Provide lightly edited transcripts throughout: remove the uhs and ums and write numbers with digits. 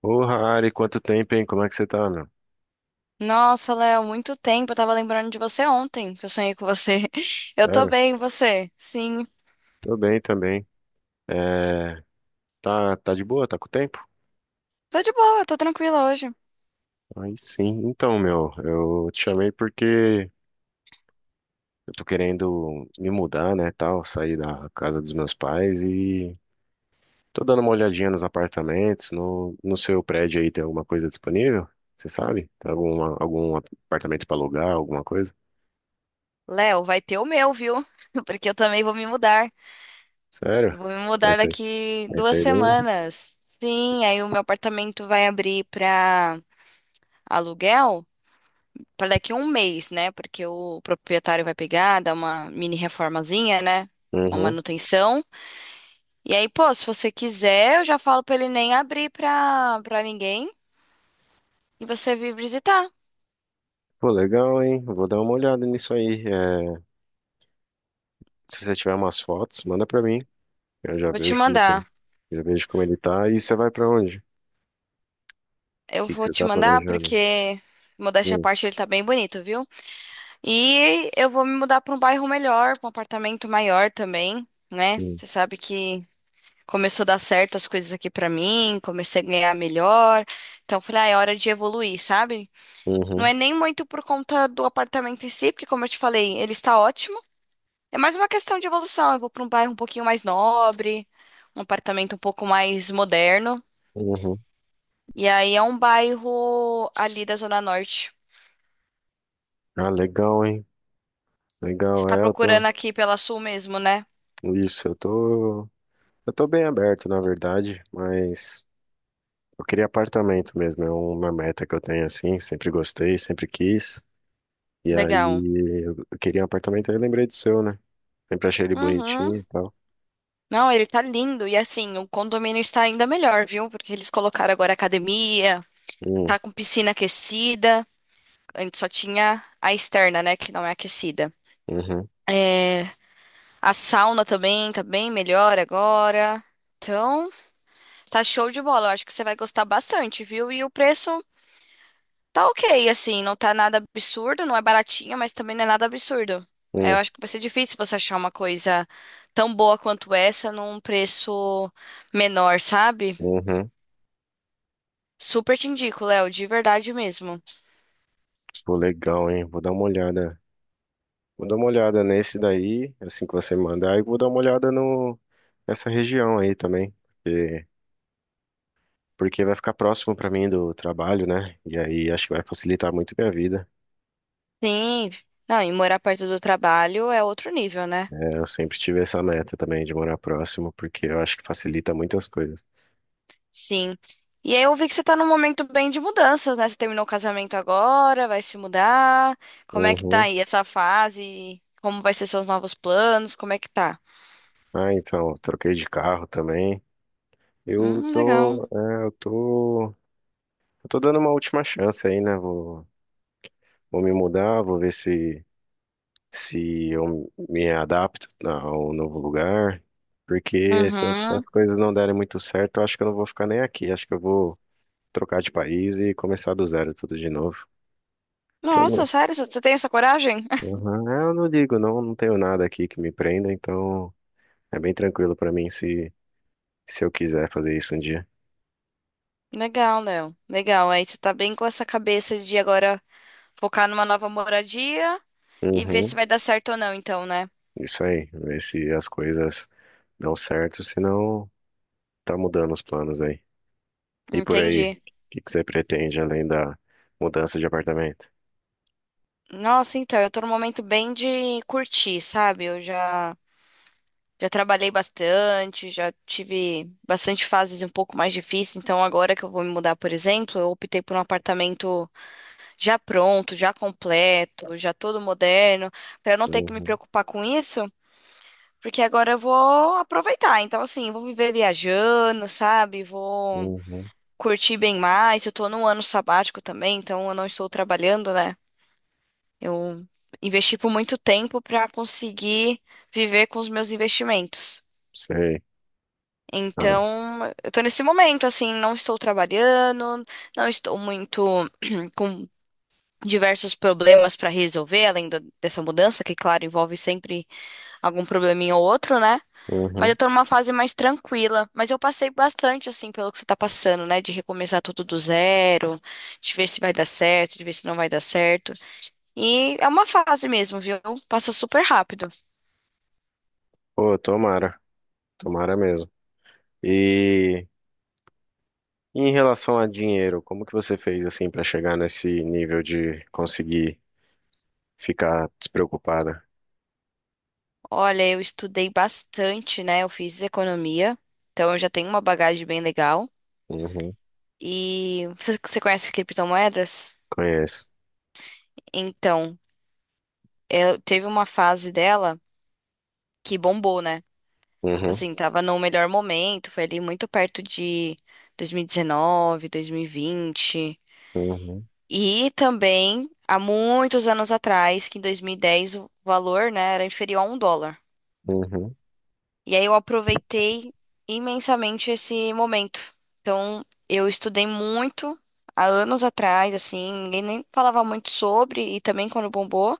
Ô, Harry, quanto tempo, hein? Como é que você tá, meu? Nossa, Léo, muito tempo. Eu tava lembrando de você ontem, que eu sonhei com você. Eu tô Sério? bem, e você? Sim. Tô bem também. É, tá, de boa? Tá com tempo? Tô de boa, tô tranquila hoje. Aí sim. Então, meu, eu te chamei porque eu tô querendo me mudar, né, tal, sair da casa dos meus pais e tô dando uma olhadinha nos apartamentos, no seu prédio aí tem alguma coisa disponível? Você sabe? Tem algum apartamento pra alugar, alguma coisa? Léo, vai ter o meu, viu? Porque eu também vou me mudar. Sério? Eu vou me Vai mudar sair, daqui vai duas sair daí? semanas. Sim, aí o meu apartamento vai abrir pra aluguel pra daqui um mês, né? Porque o proprietário vai pegar, dar uma mini reformazinha, né? Uma Uhum. manutenção. E aí, pô, se você quiser, eu já falo pra ele nem abrir pra, ninguém. E você vir visitar. Pô, legal, hein? Vou dar uma olhada nisso aí. É, se você tiver umas fotos, manda pra mim. Eu já Vou te vejo como que, é. mandar. Já vejo como ele tá. E você vai pra onde? O Eu que que vou você te tá mandar planejando? porque, modéstia à Hum, parte, ele tá bem bonito, viu? E eu vou me mudar pra um bairro melhor, pra um apartamento maior também, né? hum, Você sabe que começou a dar certo as coisas aqui pra mim, comecei a ganhar melhor. Então, eu falei, ah, é hora de evoluir, sabe? Não uhum, é nem muito por conta do apartamento em si, porque, como eu te falei, ele está ótimo. É mais uma questão de evolução. Eu vou pra um bairro um pouquinho mais nobre, um apartamento um pouco mais moderno. uhum. E aí é um bairro ali da Zona Norte. Ah, legal, hein? Você Legal, tá Elton. procurando aqui pela Sul mesmo, né? Isso, eu tô bem aberto, na verdade, mas eu queria apartamento mesmo. É uma meta que eu tenho assim, sempre gostei, sempre quis. E Legal. aí eu queria um apartamento, aí eu lembrei do seu, né? Sempre achei ele Uhum. bonitinho e tal. Não, ele tá lindo. E assim, o condomínio está ainda melhor, viu? Porque eles colocaram agora academia, Hum, tá com piscina aquecida. Antes só tinha a externa, né? Que não é aquecida. uhum, É, a sauna também tá bem melhor agora. Então, tá show de bola. Eu acho que você vai gostar bastante, viu? E o preço tá ok, assim, não tá nada absurdo, não é baratinho, mas também não é nada absurdo. É, eu hum, acho que vai ser difícil você achar uma coisa tão boa quanto essa num preço menor, sabe? uhum. Super te indico, Léo, de verdade mesmo. Pô, legal, hein? Vou dar uma olhada. Vou dar uma olhada nesse daí, assim que você mandar, e vou dar uma olhada no nessa região aí também, porque, porque vai ficar próximo pra mim do trabalho, né? E aí acho que vai facilitar muito minha vida. Sim. Não, e morar perto do trabalho é outro nível, né? É, eu sempre tive essa meta também de morar próximo, porque eu acho que facilita muitas coisas. Sim. E aí eu vi que você tá num momento bem de mudanças, né? Você terminou o casamento agora, vai se mudar. Como é que tá Uhum. aí essa fase? Como vai ser seus novos planos? Como é que tá? Ah, então, eu troquei de carro também. Eu Legal. tô, é, eu tô dando uma última chance aí, né? Vou me mudar, vou ver se eu me adapto ao novo lugar, porque se as Uhum. coisas não derem muito certo, eu acho que eu não vou ficar nem aqui. Acho que eu vou trocar de país e começar do zero tudo de novo. Que eu Nossa, não, sério? Você tem essa coragem? Aham, é, eu não ligo, não, não tenho nada aqui que me prenda, então é bem tranquilo pra mim se eu quiser fazer isso um dia. Legal, Léo. Legal. Aí você tá bem com essa cabeça de agora focar numa nova moradia e ver se Uhum, vai dar certo ou não, então, né? isso aí, ver se as coisas dão certo, senão tá mudando os planos aí. E por aí, o Entendi. que que você pretende além da mudança de apartamento? Nossa, então, eu tô num momento bem de curtir, sabe? Eu já trabalhei bastante, já tive bastante fases um pouco mais difíceis, então agora que eu vou me mudar, por exemplo, eu optei por um apartamento já pronto, já completo, já todo moderno, pra eu não ter que me Uhum. preocupar com isso. Porque agora eu vou aproveitar. Então, assim, eu vou viver viajando, sabe? Vou Uhum. curtir bem mais. Eu tô num ano sabático também, então eu não estou trabalhando, né? Eu investi por muito tempo pra conseguir viver com os meus investimentos. Sei. Ah, Então, eu tô nesse momento, assim, não estou trabalhando, não estou muito com diversos problemas pra resolver, além dessa mudança, que, claro, envolve sempre algum probleminha ou outro, né? Mas uhum. eu tô numa fase mais tranquila. Mas eu passei bastante, assim, pelo que você tá passando, né? De recomeçar tudo do zero, de ver se vai dar certo, de ver se não vai dar certo. E é uma fase mesmo, viu? Passa super rápido. Pô, tomara. Tomara mesmo. E em relação a dinheiro, como que você fez assim pra chegar nesse nível de conseguir ficar despreocupada? Olha, eu estudei bastante, né? Eu fiz economia, então eu já tenho uma bagagem bem legal. Uhum. E você conhece criptomoedas? Conheço. Então, eu, teve uma fase dela que bombou, né? Uhum. Assim, tava no melhor momento, foi ali muito perto de 2019, 2020. E dezenove, dois mil e vinte. Uhum. E também, há muitos anos atrás, que em 2010 o valor, né, era inferior a um dólar. Uhum. E aí eu aproveitei imensamente esse momento. Então, eu estudei muito há anos atrás, assim, ninguém nem falava muito sobre, e também quando bombou.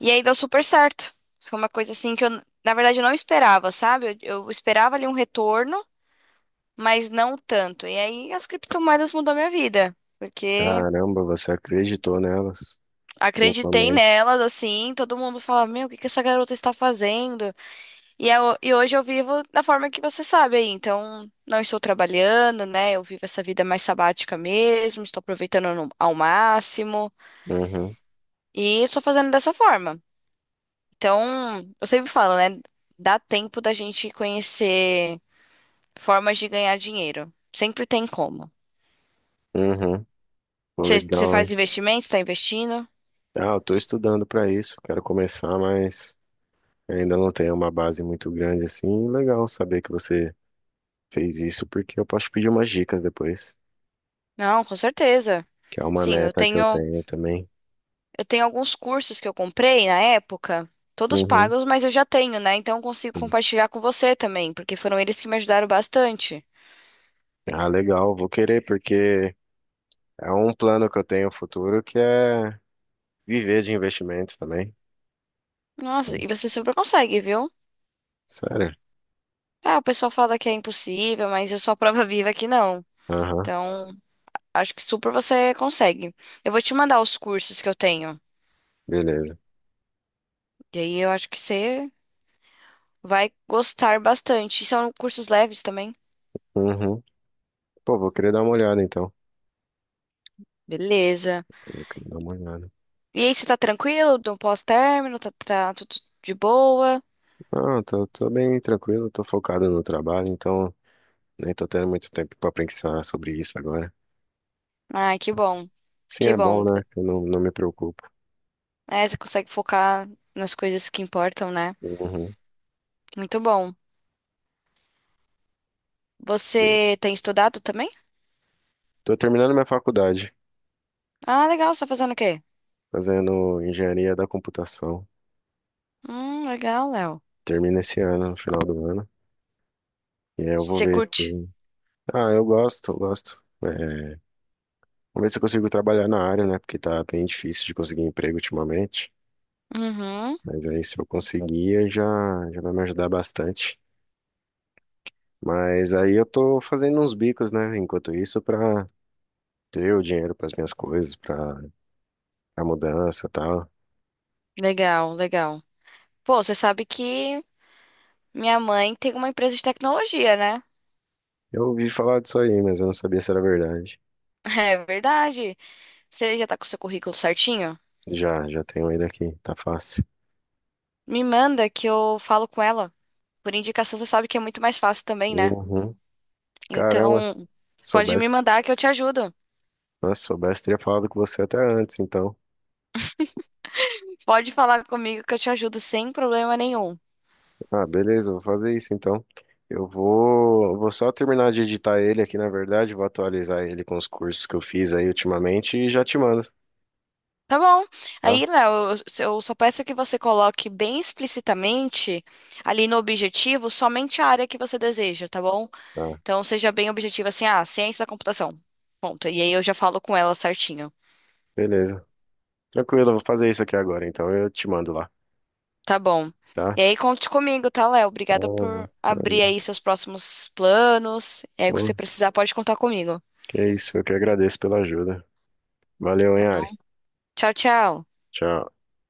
E aí deu super certo. Foi uma coisa assim que eu, na verdade, eu não esperava, sabe? Eu esperava ali um retorno, mas não tanto. E aí as criptomoedas mudou minha vida, porque Caramba, você acreditou nelas no acreditei começo. nelas, assim, todo mundo fala, meu, o que que essa garota está fazendo? E, e hoje eu vivo da forma que você sabe aí, então não estou trabalhando, né? Eu vivo essa vida mais sabática mesmo, estou aproveitando ao máximo Uhum. e estou fazendo dessa forma. Então, eu sempre falo, né? Dá tempo da gente conhecer formas de ganhar dinheiro. Sempre tem como. Uhum. Você Legal, faz hein? investimentos, está investindo? Ah, eu tô estudando pra isso. Quero começar, mas ainda não tenho uma base muito grande assim. Legal saber que você fez isso, porque eu posso pedir umas dicas depois, Não, com certeza. que é uma Sim, meta que eu tenho também. eu tenho alguns cursos que eu comprei na época, todos Uhum, pagos, mas eu já tenho, né? Então eu consigo sim. compartilhar com você também, porque foram eles que me ajudaram bastante. Ah, legal, vou querer porque é um plano que eu tenho futuro que é viver de investimentos também. Nossa, e você super consegue, viu? Sério? Ah, o pessoal fala que é impossível, mas eu sou a prova viva que não. Aham, Então, acho que super você consegue. Eu vou te mandar os cursos que eu tenho. beleza. E aí eu acho que você vai gostar bastante. E são cursos leves também. Uhum. Pô, vou querer dar uma olhada então. Beleza. Vou querer dar uma olhada. E aí, você tá tranquilo do pós-término? Tá, tá tudo de boa? Ah, tô, tô bem tranquilo, tô focado no trabalho, então nem tô tendo muito tempo pra pensar sobre isso agora. Ai, que bom. Sim, Que é bom, bom. né? Eu não, não me preocupo. É, você consegue focar nas coisas que importam, né? Uhum. Muito bom. Você tem estudado também? Tô terminando minha faculdade. Ah, legal. Você tá fazendo o quê? Fazendo engenharia da computação. Legal, Léo. Termina esse ano, no final do ano. E aí eu vou Você ver. curte? Se- ah, eu gosto, eu gosto. É, vamos ver se eu consigo trabalhar na área, né? Porque tá bem difícil de conseguir emprego ultimamente. Uhum. Mas aí se eu conseguir, já vai me ajudar bastante. Mas aí eu tô fazendo uns bicos, né? Enquanto isso, pra ter o dinheiro para as minhas coisas, pra a mudança e tal. Legal, legal. Pô, você sabe que minha mãe tem uma empresa de tecnologia, né? Eu ouvi falar disso aí, mas eu não sabia se era verdade. É verdade. Você já tá com o seu currículo certinho? Já, já tenho ele aqui, tá fácil. Me manda que eu falo com ela. Por indicação, você sabe que é muito mais fácil também, né? Uhum. Caramba, Então, pode soubesse. me mandar que eu te ajudo. Nossa, se soubesse, teria falado com você até antes, então. Pode falar comigo que eu te ajudo sem problema nenhum. Ah, beleza, vou fazer isso então. Vou só terminar de editar ele aqui, na verdade, vou atualizar ele com os cursos que eu fiz aí ultimamente e já te mando, Tá bom. tá? Aí, Léo, eu só peço que você coloque bem explicitamente ali no objetivo somente a área que você deseja, tá bom? Tá, Então, seja bem objetivo assim, ah, ciência da computação. Ponto. E aí eu já falo com ela certinho. beleza. Tranquilo, eu vou fazer isso aqui agora, então eu te mando lá, Tá bom. tá? E aí, conte comigo, tá, Léo? Obrigada Ah, por abrir valeu. aí seus próximos planos. É, o que você Pô, precisar, pode contar comigo. que isso, eu que agradeço pela ajuda. Valeu, Tá hein, bom? Ari. Tchau, tchau. Tchau.